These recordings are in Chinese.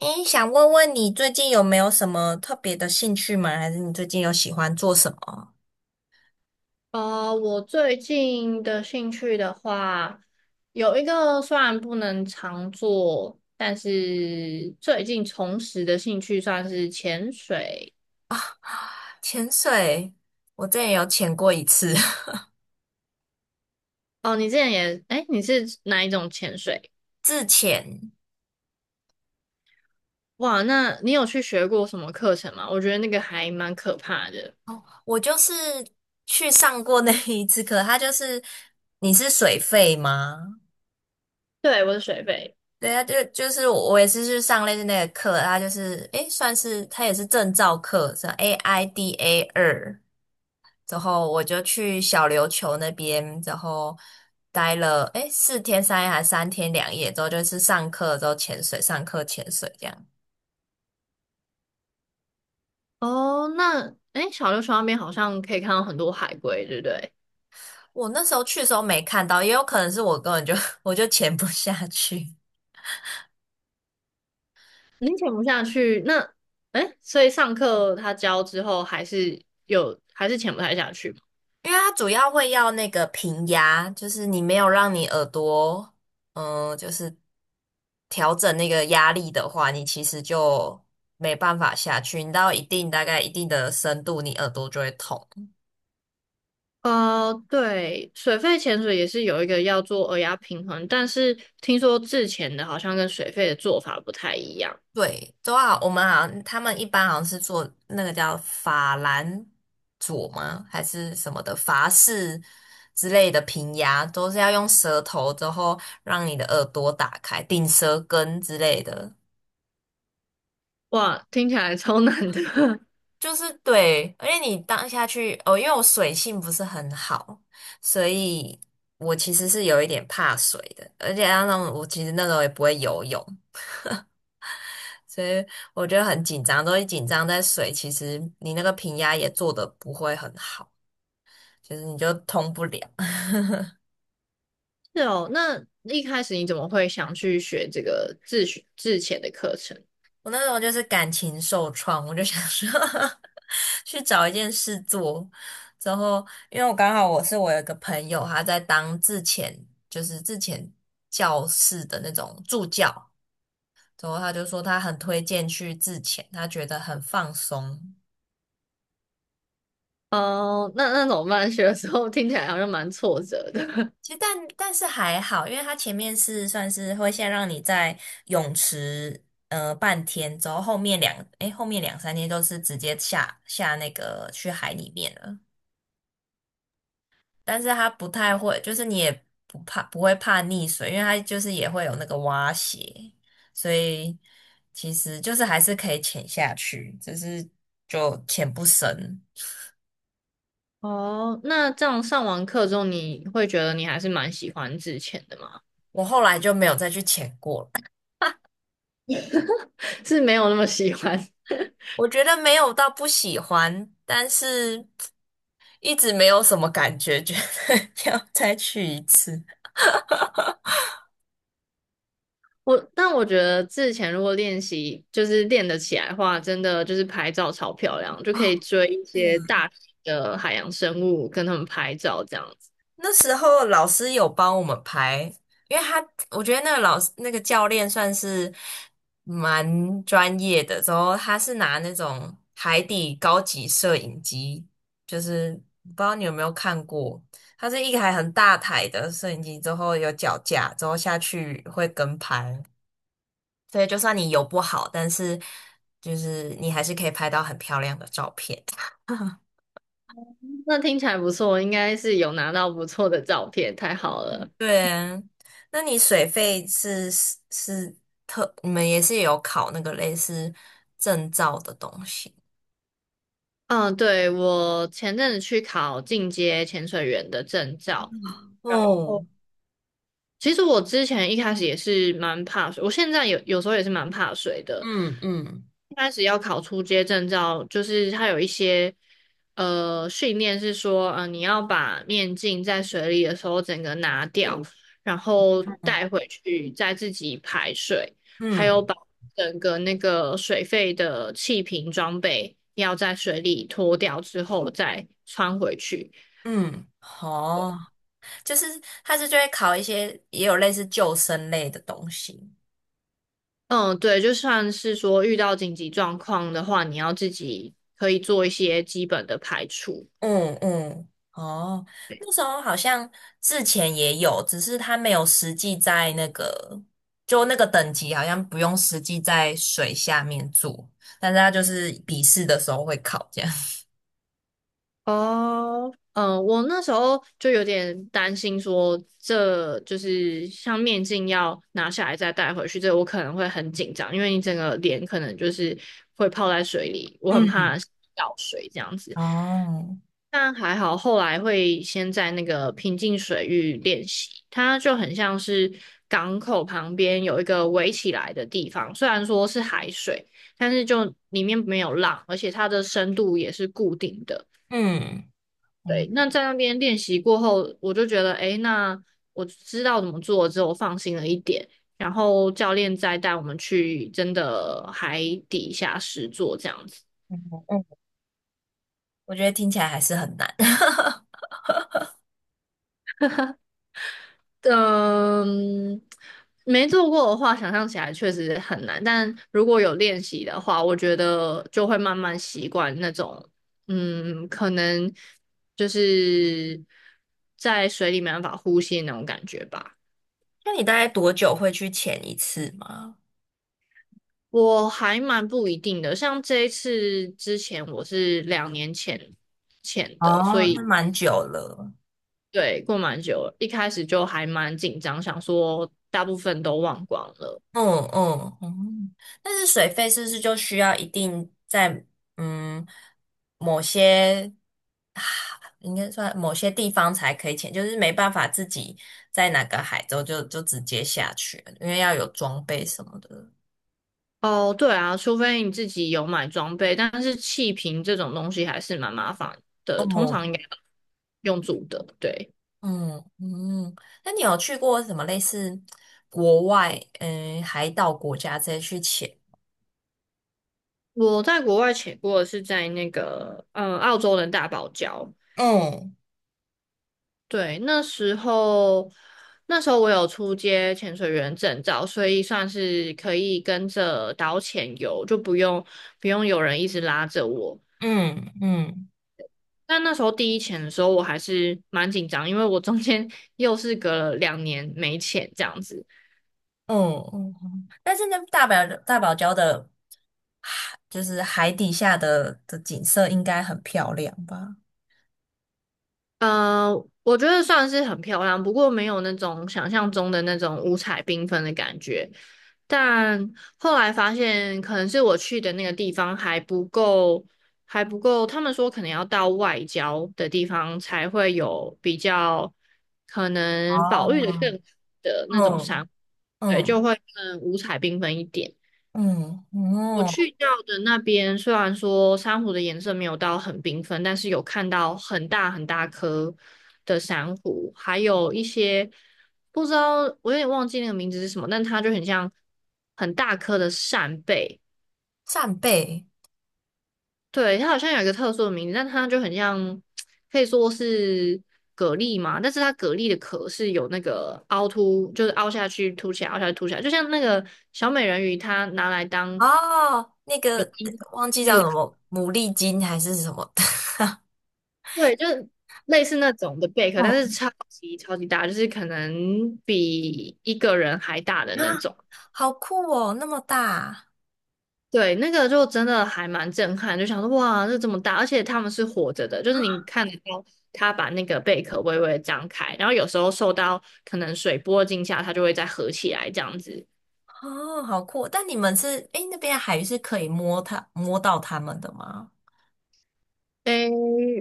诶，想问问你最近有没有什么特别的兴趣吗？还是你最近有喜欢做什么？我最近的兴趣的话，有一个虽然不能常做，但是最近重拾的兴趣算是潜水。潜水。我之前有潜过一次。 哦，你之前也，哎，你是哪一种潜水？自潜。哇，那你有去学过什么课程吗？我觉得那个还蛮可怕的。我就是去上过那一次课。它就是你是水费吗？对，我是水肺。对啊。就是我也是去上类似那个课。它就是算是它也是证照课，是 AIDA 二。之后我就去小琉球那边，然后待了4天3夜还是3天2夜，之后就是上课之后潜水，上课潜水这样。哦，那，哎，小琉球那边好像可以看到很多海龟，对不对？我那时候去的时候没看到，也有可能是我根本就 我就潜不下去。你潜不下去，那哎，所以上课他教之后还是有还是潜不太下去吗？因为它主要会要那个平压，就是你没有让你耳朵就是调整那个压力的话，你其实就没办法下去。你到一定大概一定的深度，你耳朵就会痛。对，水肺潜水也是有一个要做耳压平衡，但是听说自潜的好像跟水肺的做法不太一样。对，都好。我们好像他们一般好像是做那个叫法兰佐吗？还是什么的法式之类的平牙，都是要用舌头之后让你的耳朵打开，顶舌根之类的。哇，听起来超难的。就是对。而且你当下去哦，因为我水性不是很好，所以我其实是有一点怕水的。而且加上我其实那时候也不会游泳，所以我觉得很紧张。都一紧张在水，其实你那个平压也做的不会很好，就是你就通不了。是哦，那一开始你怎么会想去学这个自学自潜的课程？我那时候就是感情受创，我就想说 去找一件事做。之后，因为我刚好我有一个朋友，他在当自遣。就是自遣教室的那种助教。之后他就说他很推荐去自遣，他觉得很放松。哦、那那怎么办？学的时候听起来好像蛮挫折的。其实但是还好。因为它前面是算是会先让你在泳池半天。之后后面两诶后面两三天都是直接下那个去海里面了。但是它不太会，就是你也不会怕溺水。因为它就是也会有那个蛙鞋，所以其实就是还是可以潜下去，只是就潜不深。哦，那这样上完课之后，你会觉得你还是蛮喜欢之前的吗？我后来就没有再去潜过了。是没有那么喜欢。我觉得没有到不喜欢，但是一直没有什么感觉，觉得 要再去一次。我，但我觉得之前如果练习就是练得起来的话，真的就是拍照超漂亮，就可以哦。追一对啊。些大型的海洋生物，跟他们拍照这样子。那时候老师有帮我们排，因为他我觉得那个老师那个教练算是蛮专业的。之后他是拿那种海底高级摄影机，就是不知道你有没有看过。它是一台很大台的摄影机，之后有脚架，之后下去会跟拍。所以就算你游不好，但是就是你还是可以拍到很漂亮的照片。那听起来不错，应该是有拿到不错的照片，太好了。对，啊。那你水费是是是特，你们也是有考那个类似证照的东西。嗯，对，我前阵子去考进阶潜水员的证照。然后哦。其实我之前一开始也是蛮怕水，我现在有时候也是蛮怕水的。嗯嗯一开始要考出街证照，就是它有一些训练是说，你要把面镜在水里的时候整个拿掉，然后带回去再自己排水，还有嗯把整个那个水费的气瓶装备要在水里脱掉之后再穿回去。嗯，好。就是就会考一些也有类似救生类的东西。嗯，对，就算是说遇到紧急状况的话，你要自己可以做一些基本的排除。嗯嗯，哦。那时候好像之前也有，只是它没有实际在那个，就那个等级好像不用实际在水下面做，但是它就是笔试的时候会考这样。哦，嗯，我那时候就有点担心说，这就是像面镜要拿下来再戴回去，这我可能会很紧张，因为你整个脸可能就是会泡在水里，我很嗯。怕掉水这样 子。哦，但还好，后来会先在那个平静水域练习，它就很像是港口旁边有一个围起来的地方，虽然说是海水，但是就里面没有浪，而且它的深度也是固定的。嗯。嗯对，那在那边练习过后，我就觉得，诶，那我知道怎么做之后，我放心了一点。然后教练再带我们去真的海底下实做这样子。嗯嗯我觉得听起来还是很难。嗯，没做过的话，想象起来确实很难。但如果有练习的话，我觉得就会慢慢习惯那种，嗯，可能就是在水里没办法呼吸的那种感觉吧。那你大概多久会去潜一次吗？我还蛮不一定的，像这一次之前我是两年前的，所哦。那以蛮久了。对，过蛮久了，一开始就还蛮紧张，想说大部分都忘光了。嗯嗯嗯。但是水费是不是就需要一定在嗯某些啊，应该算某些地方才可以潜，就是没办法自己在哪个海州就就直接下去，因为要有装备什么的。哦，对啊，除非你自己有买装备，但是气瓶这种东西还是蛮麻烦的，通常嗯应该用住的。对，嗯嗯。那你有去过什么类似国外海岛国家这些去潜？我在国外潜过的是在那个嗯澳洲的大堡礁，嗯对，那时候我有出街潜水员证照，所以算是可以跟着导潜游，就不用有人一直拉着我。嗯嗯。但那时候第一潜的时候，我还是蛮紧张，因为我中间 又是隔了2年没潜这样子。嗯嗯。但是那大堡礁的海，就是海底下的景色应该很漂亮吧？呃，我觉得算是很漂亮，不过没有那种想象中的那种五彩缤纷的感觉。但后来发现，可能是我去的那个地方还不够，还不够。他们说可能要到外郊的地方才会有比较可能保育的哦。更好的那种嗯山，对，就嗯会更五彩缤纷一点。嗯我嗯，去到的那边，虽然说珊瑚的颜色没有到很缤纷，但是有看到很大很大颗的珊瑚，还有一些不知道，我有点忘记那个名字是什么，但它就很像很大颗的扇贝，扇贝。对，它好像有一个特殊的名字，但它就很像，可以说是蛤蜊嘛，但是它蛤蜊的壳是有那个凹凸，就是凹下去凸起来，凹下去凸起来，就像那个小美人鱼，它拿来当哦，那泳个衣的。忘记那叫个什么牡蛎金还是什么的。对，就是类似那种的贝壳，但是嗯，超级超级大，就是可能比一个人还大的那啊。种。好酷哦，那么大。对，那个就真的还蛮震撼，就想说哇，这么大，而且他们是活着的，就是你看得到它把那个贝壳微微地张开，然后有时候受到可能水波惊吓，它就会再合起来这样子。哦，好酷哦！但你们是那边的海域是可以摸到它们的吗？诶，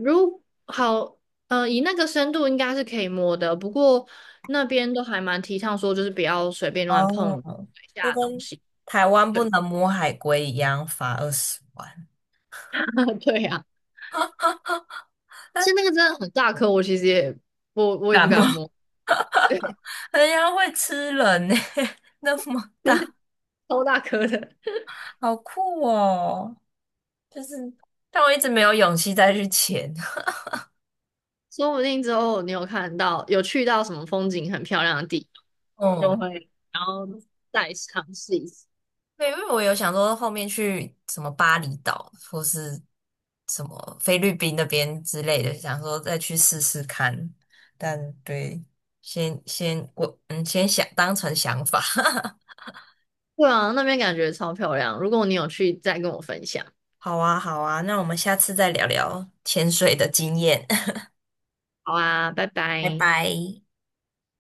如好，以那个深度应该是可以摸的，不过那边都还蛮提倡说，就是不要随便乱碰哦。水就下的东跟西。台湾对 不能摸海龟一样，罚20万。对呀、啊而且那个真的很大颗，我其实也我也不感冒。敢摸，对，人家会吃人呢、那么大。超大颗的。好酷哦！就是，但我一直没有勇气再去潜。说不定之后你有看到有去到什么风景很漂亮的地 方，就嗯，会然后再尝试一次。对。因为我有想说后面去什么巴厘岛或是什么菲律宾那边之类的，想说再去试试看。但对，先我先想当成想法。对啊，那边感觉超漂亮。如果你有去，再跟我分享。好啊，好啊。那我们下次再聊聊潜水的经验。好啊，拜拜拜。拜。